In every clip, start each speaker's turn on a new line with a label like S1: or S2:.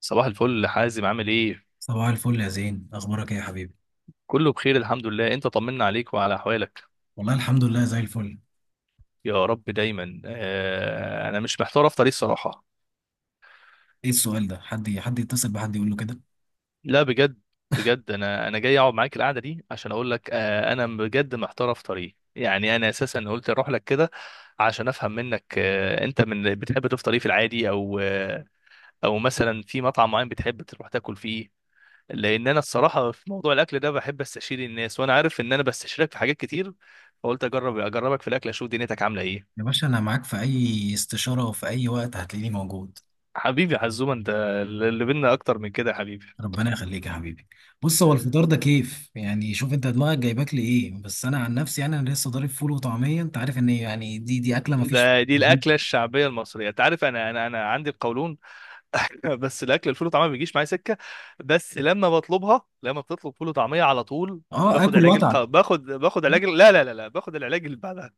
S1: صباح الفل حازم، عامل ايه؟
S2: صباح الفل يا زين، اخبارك ايه يا حبيبي؟
S1: كله بخير، الحمد لله. انت طمنا عليك وعلى احوالك.
S2: والله الحمد لله زي الفل.
S1: يا رب دايما. انا مش محتار افطر ايه، الصراحه.
S2: ايه السؤال ده؟ حد يتصل بحد يقول له كده؟
S1: لا، بجد. بجد انا جاي اقعد معاك القعده دي عشان اقول لك، انا بجد محتار افطر ايه، يعني انا اساسا قلت اروح لك كده عشان افهم منك، انت من بتحب تفطر ايه في العادي، او او مثلا في مطعم معين بتحب تروح تاكل فيه. لان انا الصراحه في موضوع الاكل ده بحب استشير الناس، وانا عارف ان انا بستشيرك في حاجات كتير، فقلت اجربك في الاكل اشوف دنيتك عامله ايه.
S2: يا باشا انا معاك في اي استشاره وفي اي وقت، هتلاقيني موجود.
S1: حبيبي يا حزومه انت، اللي بينا اكتر من كده يا حبيبي.
S2: ربنا يخليك يا حبيبي. بص، هو الفطار ده كيف يعني؟ شوف انت دماغك جايباك لايه، بس انا عن نفسي يعني انا لسه ضارب فول وطعميه. انت عارف ان يعني دي اكله ما فيش.
S1: دي الاكله الشعبيه المصريه، انت عارف انا عندي القولون. بس الاكل، الفول وطعميه ما بيجيش معايا سكه، بس لما بتطلب فول وطعميه على طول.
S2: اه، اكل واتعب.
S1: باخد علاج لا لا لا لا، باخد العلاج اللي بعدها.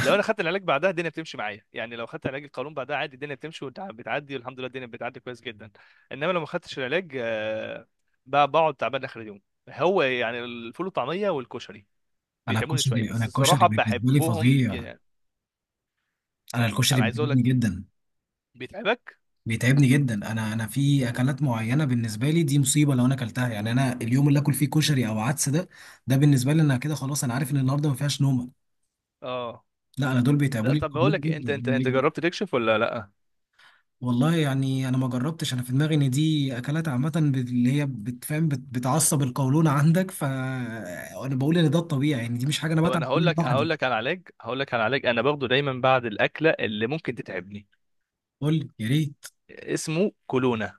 S1: لو انا خدت العلاج بعدها الدنيا بتمشي معايا، يعني لو خدت علاج القولون بعدها عادي الدنيا بتمشي وبتعدي، والحمد لله الدنيا بتعدي كويس جدا. انما لو ما خدتش العلاج، بقعد تعبان اخر اليوم. هو يعني الفول والطعميه والكشري
S2: انا
S1: بيتعبوني شويه،
S2: الكشري انا
S1: بس
S2: الكشري
S1: الصراحه
S2: بالنسبه لي
S1: بحبهم
S2: فظيع.
S1: جدا.
S2: انا الكشري
S1: انا عايز اقول لك،
S2: بيعجبني جدا.
S1: بيتعبك.
S2: بيتعبني جدا. انا في اكلات معينه بالنسبه لي دي مصيبه. لو انا اكلتها يعني انا اليوم اللي اكل فيه كشري او عدس، ده بالنسبه لي انا كده خلاص. انا عارف ان النهارده ما فيهاش نومه.
S1: اه.
S2: لا انا دول بيتعبوا
S1: لا،
S2: لي
S1: طب بقول
S2: القولون
S1: لك إيه،
S2: جدا
S1: انت جربت تكشف ولا لا؟
S2: والله يعني انا ما جربتش. انا في دماغي ان دي اكلات عامه اللي هي بتفهم بتعصب القولون عندك، فانا بقول ان ده الطبيعي، يعني دي مش حاجه انا
S1: طب
S2: بتعب
S1: انا
S2: منها لوحدي.
S1: هقول لك على علاج انا باخده دايما بعد الاكله اللي ممكن تتعبني.
S2: قول لي يا ريت.
S1: اسمه كولونا.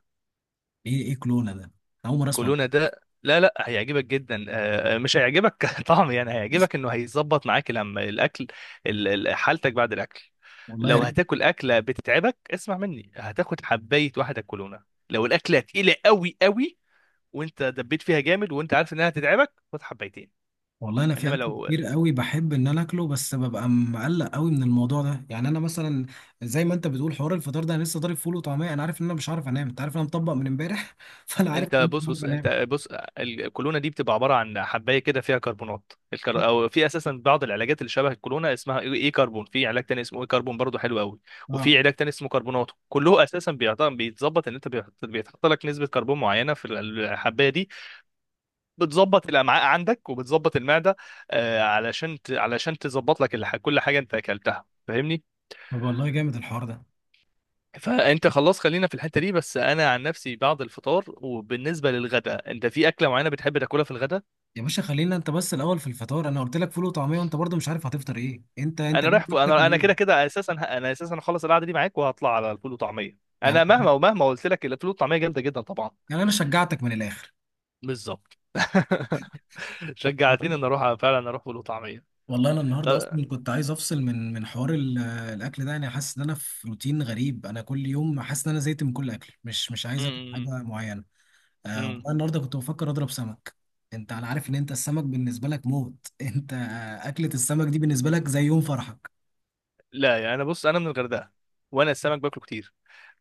S2: ايه كلونه ده؟ أنا اول مره اسمع.
S1: كولونا ده، لا لا، هيعجبك جدا. مش هيعجبك طعم، يعني هيعجبك انه هيظبط معاك لما الاكل، حالتك بعد الاكل.
S2: والله يا
S1: لو
S2: ريت.
S1: هتاكل اكله بتتعبك اسمع مني، هتاخد حبايه واحده كولونا. لو الاكله تقيله قوي قوي وانت دبيت فيها جامد وانت عارف انها هتتعبك، خد حبايتين.
S2: والله انا في
S1: انما
S2: اكل
S1: لو،
S2: كتير قوي بحب ان انا اكله، بس ببقى مقلق قوي من الموضوع ده. يعني انا مثلا زي ما انت بتقول حوار الفطار ده، انا لسه ضارب فول وطعميه، انا عارف ان انا مش عارف انام. انت عارف ان انا مطبق من امبارح فانا عارف ان
S1: انت
S2: انا مش
S1: بص
S2: عارف
S1: بص
S2: انام.
S1: انت بص الكولونه دي بتبقى عباره عن حبايه كده فيها او في اساسا بعض العلاجات اللي شبه الكولونه اسمها اي إي كربون، في علاج تاني اسمه اي كربون برضه حلو قوي.
S2: اه
S1: وفي علاج تاني اسمه كربوناتو، كله اساسا بيتظبط ان انت بيتحط لك نسبه كربون معينه في الحبايه دي، بتظبط الامعاء عندك وبتظبط المعده، علشان علشان تظبط لك كل حاجه انت اكلتها، فاهمني؟
S2: طب والله جامد الحوار ده.
S1: فانت خلاص، خلينا في الحته دي. بس انا عن نفسي بعد الفطار وبالنسبه للغداء، انت في اكله معينه بتحب تاكلها في الغداء؟
S2: يا باشا خلينا انت بس الاول. في الفطار انا قلت لك فول وطعميه، وانت برضه مش عارف هتفطر ايه. انت
S1: انا
S2: ليه
S1: رايح فوق، انا
S2: بتاكل
S1: انا كده
S2: ايه؟
S1: كده اساسا، انا اساسا هخلص القعده دي معاك وهطلع على الفول وطعميه،
S2: يعني
S1: انا مهما ومهما قلت لك الفول والطعميه جامده جدا طبعا.
S2: يعني انا شجعتك من الاخر.
S1: بالظبط. شجعتني ان اروح، فعلا اروح فول وطعميه.
S2: والله انا النهارده
S1: طب.
S2: اصلا كنت عايز افصل من حوار الاكل ده. يعني حاسس ان انا في روتين غريب، انا كل يوم حاسس ان انا زهقت من كل اكل، مش عايز اكل
S1: امم
S2: حاجه معينه. آه
S1: امم
S2: والله النهارده كنت بفكر اضرب سمك. انت انا عارف ان انت السمك بالنسبه لك موت انت اكله السمك دي بالنسبه لك زي يوم فرحك.
S1: لا، يعني انا، بص انا من الغردقه وانا السمك باكله كتير،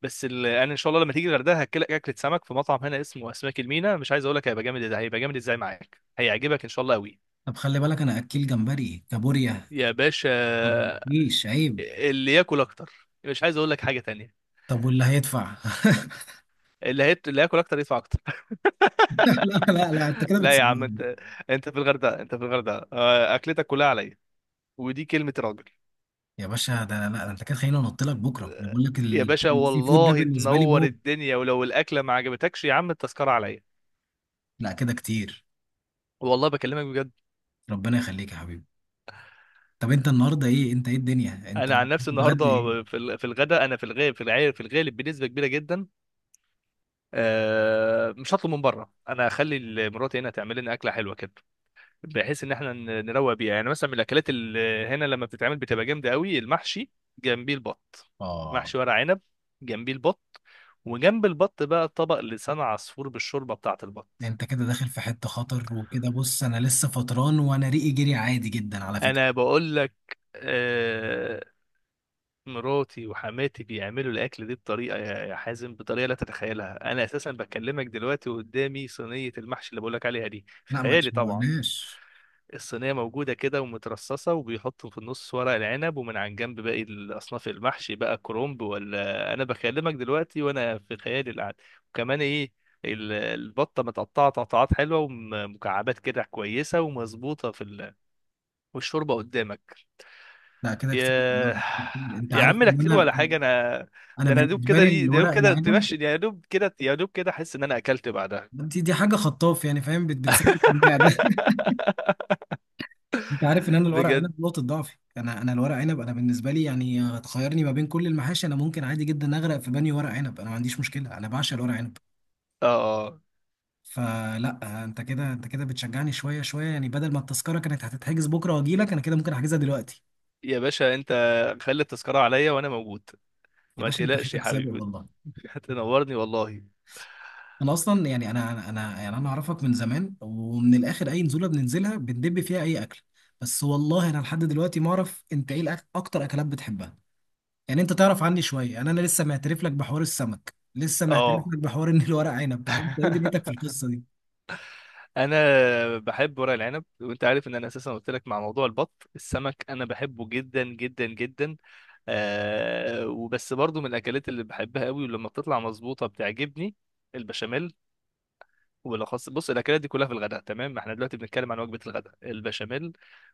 S1: بس انا ان شاء الله لما تيجي الغردقه هاكلك اكله سمك في مطعم هنا اسمه اسماك المينا، مش عايز اقول لك هيبقى جامد ازاي، هيبقى جامد ازاي معاك، هيعجبك ان شاء الله قوي.
S2: طب خلي بالك انا اكيل جمبري كابوريا،
S1: يا باشا،
S2: مفيش عيب.
S1: اللي ياكل اكتر مش عايز اقول لك حاجه تانية،
S2: طب واللي هيدفع؟
S1: اللي هياكل اكتر يدفع اكتر.
S2: لا لا لا، انت كده
S1: لا يا عم
S2: بتسيبني.
S1: انت، انت في الغردقه، انت في الغردقه، اكلتك كلها عليا، ودي كلمه راجل.
S2: يا باشا ده، لا ده انت كده، خليني انط لك بكره. انا بقول لك
S1: يا باشا
S2: السي فود ده
S1: والله
S2: بالنسبه لي
S1: تنور
S2: موت.
S1: الدنيا، ولو الاكله ما عجبتكش يا عم التذكره عليا،
S2: لا كده كتير.
S1: والله بكلمك بجد.
S2: ربنا يخليك يا حبيبي. طب انت النهارده ايه؟ انت ايه الدنيا؟ انت
S1: انا عن نفسي
S2: بتتغدى ايه؟
S1: النهارده في في الغداء انا في الغالب، في العير في الغالب بنسبه كبيره جدا، مش هطلب من بره، انا هخلي مراتي هنا تعمل لنا اكله حلوه كده بحيث ان احنا نروق بيها. يعني مثلا من الاكلات اللي هنا لما بتتعمل بتبقى جامده قوي، المحشي، جنبيه البط،
S2: اه
S1: محشي ورق عنب، جنبيه البط، وجنب البط بقى طبق لسان عصفور بالشوربه بتاعه البط.
S2: انت كده داخل في حته خطر، وكده بص انا لسه فطران وانا ريقي جري عادي جدا على فكره.
S1: انا بقول لك، آه، مراتي وحماتي بيعملوا الاكل دي بطريقه، يا حازم بطريقه لا تتخيلها. انا اساسا بكلمك دلوقتي وقدامي صينيه المحشي اللي بقول لك عليها دي، في
S2: لا ما
S1: خيالي طبعا.
S2: تشوقناش.
S1: الصينية موجودة كده ومترصصة، وبيحطوا في النص ورق العنب، ومن عن جنب باقي الأصناف، المحشي بقى كرومب، ولا أنا بكلمك دلوقتي وأنا في خيالي القعد. وكمان إيه، البطة متقطعة تقطعات حلوة ومكعبات كده كويسة ومظبوطة في والشوربة قدامك.
S2: لا كده كتير والله،
S1: يا
S2: كتير. انت
S1: يا
S2: عارف
S1: عم لا،
S2: ان
S1: كتير
S2: انا،
S1: ولا حاجة أنا،
S2: انا
S1: ده أنا يا دوب
S2: بالنسبه
S1: كده،
S2: لي
S1: دي ده يا دوب
S2: الورق
S1: كده
S2: العنب،
S1: تمشي، يا دوب كده أحس إن أنا أكلت بعدها.
S2: دي حاجه خطاف يعني فاهم بتسلك المعده انت عارف ان انا الورق
S1: بجد.
S2: عنب نقطه ضعفي. انا الورق عنب انا بالنسبه لي يعني تخيرني ما بين كل المحاشي، انا ممكن عادي جدا اغرق في بانيو ورق عنب، انا ما عنديش مشكله، انا بعشق الورق عنب.
S1: آه آه.
S2: فلا انت كده، بتشجعني شويه شويه يعني. بدل ما التذكره كانت هتتحجز بكره واجي لك، انا كده ممكن احجزها دلوقتي.
S1: يا باشا أنت، خلي التذكرة عليا وأنا موجود،
S2: يا
S1: ما
S2: باشا انت
S1: تقلقش يا
S2: فيك سابق
S1: حبيبي.
S2: والله.
S1: هتنورني والله.
S2: انا اصلا يعني انا اعرفك من زمان، ومن الاخر اي نزوله بننزلها بندب فيها اي اكل. بس والله انا لحد دلوقتي ما اعرف انت ايه اكتر اكلات بتحبها. يعني انت تعرف عني شويه يعني. انا لسه معترف لك بحوار السمك، لسه معترف
S1: اه.
S2: لك بحوار ان الورق عنب. انت ايه دنيتك في القصه دي؟
S1: انا بحب ورق العنب، وانت عارف ان انا اساسا قلت لك مع موضوع البط، السمك انا بحبه جدا جدا جدا. وبس برضو من الاكلات اللي بحبها قوي ولما بتطلع مظبوطه بتعجبني، البشاميل. وبالاخص بص، الاكلات دي كلها في الغداء تمام، ما احنا دلوقتي بنتكلم عن وجبه الغداء، البشاميل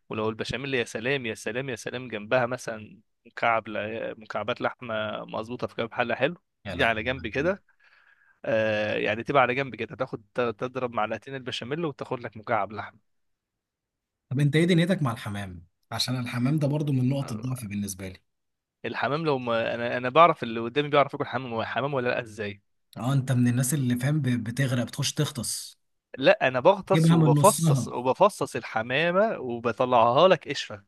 S1: ولو البشاميل يا سلام يا سلام يا سلام، جنبها مثلا مكعبات لحمه مظبوطه في كام حله حلو،
S2: يا
S1: دي على جنب
S2: لهوي.
S1: كده. يعني تبقى على جنب كده، تاخد، تضرب معلقتين البشاميل وتاخد لك مكعب لحم.
S2: طب انت ايه دنيتك مع الحمام؟ عشان الحمام ده برضو من نقط الضعف
S1: آه،
S2: بالنسبه لي.
S1: الحمام لو ما انا، بعرف اللي قدامي بيعرف ياكل حمام حمام ولا لا ازاي.
S2: اه انت من الناس اللي فاهم بتغرق بتخش تغطس.
S1: لا انا بغطس
S2: جيبها من
S1: وبفصص،
S2: نصها.
S1: الحمامه وبطلعها لك قشره.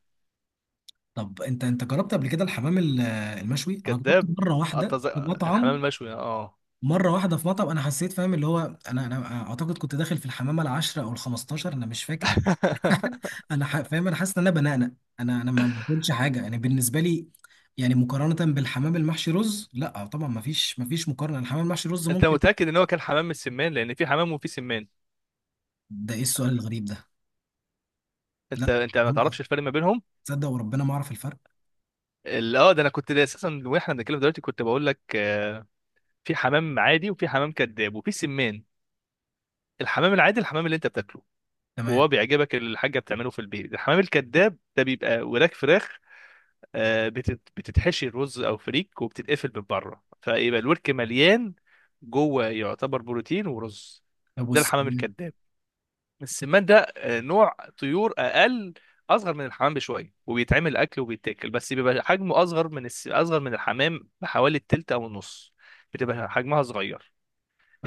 S2: طب انت جربت قبل كده الحمام المشوي؟ انا جربته
S1: كذاب.
S2: مره واحده
S1: أتز...
S2: في
S1: الحمام
S2: مطعم.
S1: المشوي، اه.
S2: انا حسيت فاهم اللي هو، انا اعتقد كنت داخل في الحمامه العاشره او الخمستاشر، انا مش فاكر فاهم، انا حاسس ان انا بنقنق. انا ما باكلش حاجه يعني بالنسبه لي. يعني مقارنه بالحمام المحشي رز لا طبعا ما فيش مقارنه. الحمام المحشي رز
S1: انت
S2: ممكن.
S1: متاكد ان هو كان حمام من السمان؟ لان في حمام وفي سمان،
S2: ده ايه السؤال الغريب ده؟
S1: انت
S2: لا.
S1: انت ما
S2: هم-
S1: تعرفش الفرق ما بينهم؟
S2: تصدق وربنا ما اعرف الفرق.
S1: ده انا كنت، ده اساسا واحنا بنتكلم دلوقتي كنت بقول لك، في حمام عادي وفي حمام كذاب وفي سمان. الحمام العادي، الحمام اللي انت بتاكله
S2: تمام.
S1: وهو بيعجبك، اللي الحاجه بتعمله في البيت. الحمام الكذاب ده بيبقى وراك فراخ، بتتحشي رز او فريك وبتتقفل من بره، فيبقى الورك مليان جوه، يعتبر بروتين ورز.
S2: طب
S1: ده
S2: بص.
S1: الحمام الكذاب. السمان ده، نوع طيور اقل، اصغر من الحمام بشويه وبيتعمل اكل وبيتاكل، بس بيبقى حجمه اصغر اصغر من الحمام بحوالي التلت او النص، بتبقى حجمها صغير.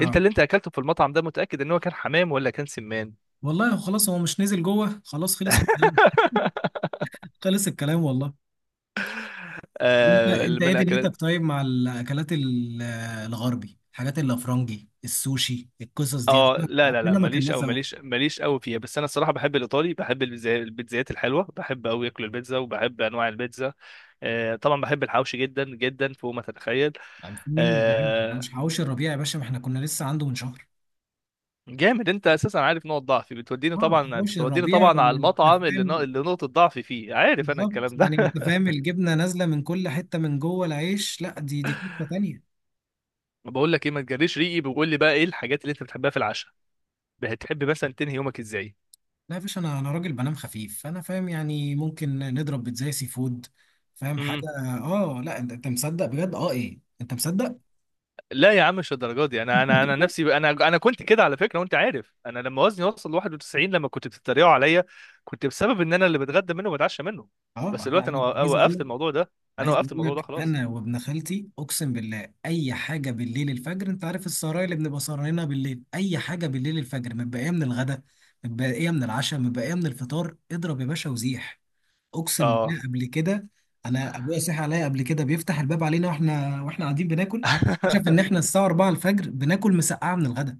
S1: انت اللي انت اكلته في المطعم ده متاكد ان هو كان حمام ولا كان سمان؟
S2: والله خلاص، هو مش نزل جوه. خلاص، خلص الكلام. خلص الكلام والله. انت انت
S1: من
S2: ايه
S1: الاكلات.
S2: دنيتك طيب مع الاكلات الغربي، الحاجات الافرنجي، السوشي، القصص دي؟
S1: اه
S2: عشان
S1: لا لا لا
S2: عمرنا ما كان
S1: ماليش،
S2: ناس.
S1: او ماليش ماليش قوي فيها، بس انا الصراحه بحب الايطالي، بحب البيتزايات الحلوه، بحب قوي اكل البيتزا وبحب انواع البيتزا. طبعا بحب الحوشي جدا جدا فوق ما تتخيل.
S2: يعني في مين ما بيحبش؟ مش
S1: آه
S2: حواوشي الربيع يا باشا، ما احنا كنا لسه عنده من شهر.
S1: جامد، انت اساسا عارف نقط ضعفي بتوديني
S2: اه
S1: طبعا،
S2: حواوشي
S1: بتوديني
S2: الربيع
S1: طبعا على
S2: انت
S1: المطعم اللي
S2: فاهم
S1: اللي نقطه ضعفي فيه، عارف انا
S2: بالظبط،
S1: الكلام ده.
S2: يعني انت فاهم الجبنه نازله من كل حته من جوه العيش. لا دي قصه تانيه.
S1: بقول لك ايه ما تجريش ريقي، بقول لي بقى ايه الحاجات اللي انت بتحبها في العشاء، بتحب مثلا تنهي يومك ازاي.
S2: لا يا باشا انا، راجل بنام خفيف، فانا فاهم يعني ممكن نضرب بيتزا سي فود، فاهم حاجه؟ اه لا أنت مصدق بجد؟ اه ايه، انت مصدق؟
S1: لا يا عم مش الدرجه دي، انا نفسي، انا كنت كده على فكره. وانت عارف انا لما وزني وصل 91 لما كنت بتتريقوا عليا، كنت بسبب ان انا اللي بتغدى منه وبتعشى منه.
S2: اه
S1: بس
S2: لا
S1: دلوقتي انا
S2: انا عايز اقول
S1: وقفت
S2: لك،
S1: الموضوع ده، خلاص.
S2: انا وابن خالتي اقسم بالله، اي حاجه بالليل الفجر انت عارف السهرايه اللي بنبقى سهرانينها، بالليل اي حاجه بالليل الفجر، متبقيه من الغدا، متبقيه من العشاء، متبقيه من الفطار، اضرب يا باشا وزيح. اقسم بالله
S1: اه.
S2: قبل كده انا ابويا صحي عليا قبل كده، بيفتح الباب علينا واحنا قاعدين بناكل. اكتشف ان احنا الساعه 4 الفجر بناكل مسقعه من الغداء.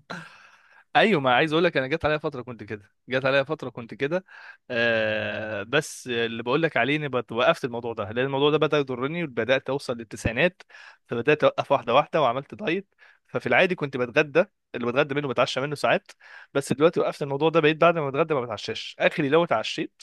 S1: ايوه، ما عايز اقول لك، انا جت عليا فتره كنت كده، بس اللي بقول لك عليه اني وقفت الموضوع ده، لان الموضوع ده بدا يضرني وبدات اوصل للتسعينات، فبدات اوقف واحده واحده وعملت دايت. ففي العادي كنت بتغدى، اللي بتغدى منه بتعشى منه ساعات. بس دلوقتي وقفت الموضوع ده، بقيت بعد ما بتغدى ما بتعشاش، اخري لو اتعشيت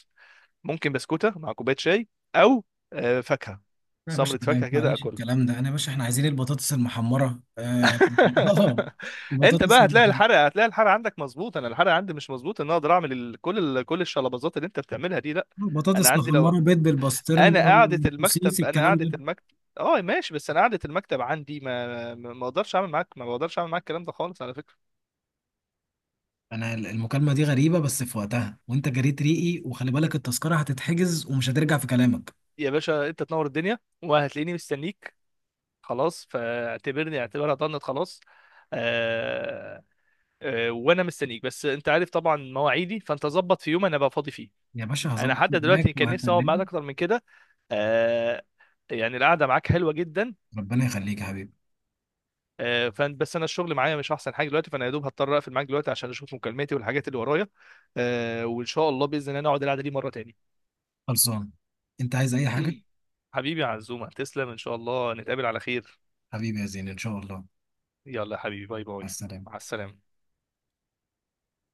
S1: ممكن بسكوته مع كوبايه شاي، او فاكهه،
S2: لا يا باشا،
S1: سمره
S2: أنا ما
S1: فاكهه كده
S2: ينفعنيش
S1: اكلها.
S2: الكلام ده. انا يا باشا احنا عايزين البطاطس المحمره، اه
S1: انت
S2: البطاطس
S1: بقى هتلاقي
S2: المحمره،
S1: الحرق، عندك مظبوط، انا الحرق عندي مش مظبوط ان أنا اقدر اعمل كل الشلبازات اللي انت بتعملها دي، لا.
S2: بطاطس
S1: انا عندي لو،
S2: محمره بيض بالبسطرمه
S1: انا قعدة
S2: وسوسيس
S1: المكتب،
S2: الكلام ده.
S1: اه، ماشي، بس انا قعدة المكتب عندي، ما ما ما اقدرش اعمل معاك ما بقدرش اعمل معاك الكلام ده خالص على فكرة.
S2: انا المكالمه دي غريبه بس في وقتها، وانت جريت ريقي، وخلي بالك التذكره هتتحجز ومش هترجع في كلامك.
S1: يا باشا انت تنور الدنيا، وهتلاقيني مستنيك. خلاص، اعتبرها ضنت خلاص. آه... وانا مستنيك بس انت عارف طبعا مواعيدي، فانت ظبط في يوم انا بقى فاضي فيه.
S2: يا باشا
S1: انا
S2: هظبط
S1: حتى
S2: معاك
S1: دلوقتي كان نفسي اقعد معاك
S2: وهكلمك.
S1: اكتر من كده. آه يعني القعده معاك حلوه جدا.
S2: ربنا يخليك يا حبيبي.
S1: فان بس انا الشغل معايا مش احسن حاجه دلوقتي، فانا يا دوب هضطر اقفل معاك دلوقتي عشان اشوف مكالماتي والحاجات اللي ورايا. وان شاء الله باذن الله نقعد القعده دي مره تاني.
S2: خلصان. انت عايز اي حاجة؟
S1: حبيبي يا عزومه، تسلم، ان شاء الله نتقابل على خير.
S2: حبيبي يا زين ان شاء الله.
S1: يلا يا حبيبي باي
S2: مع
S1: باي.
S2: السلامة.
S1: مع السلامه.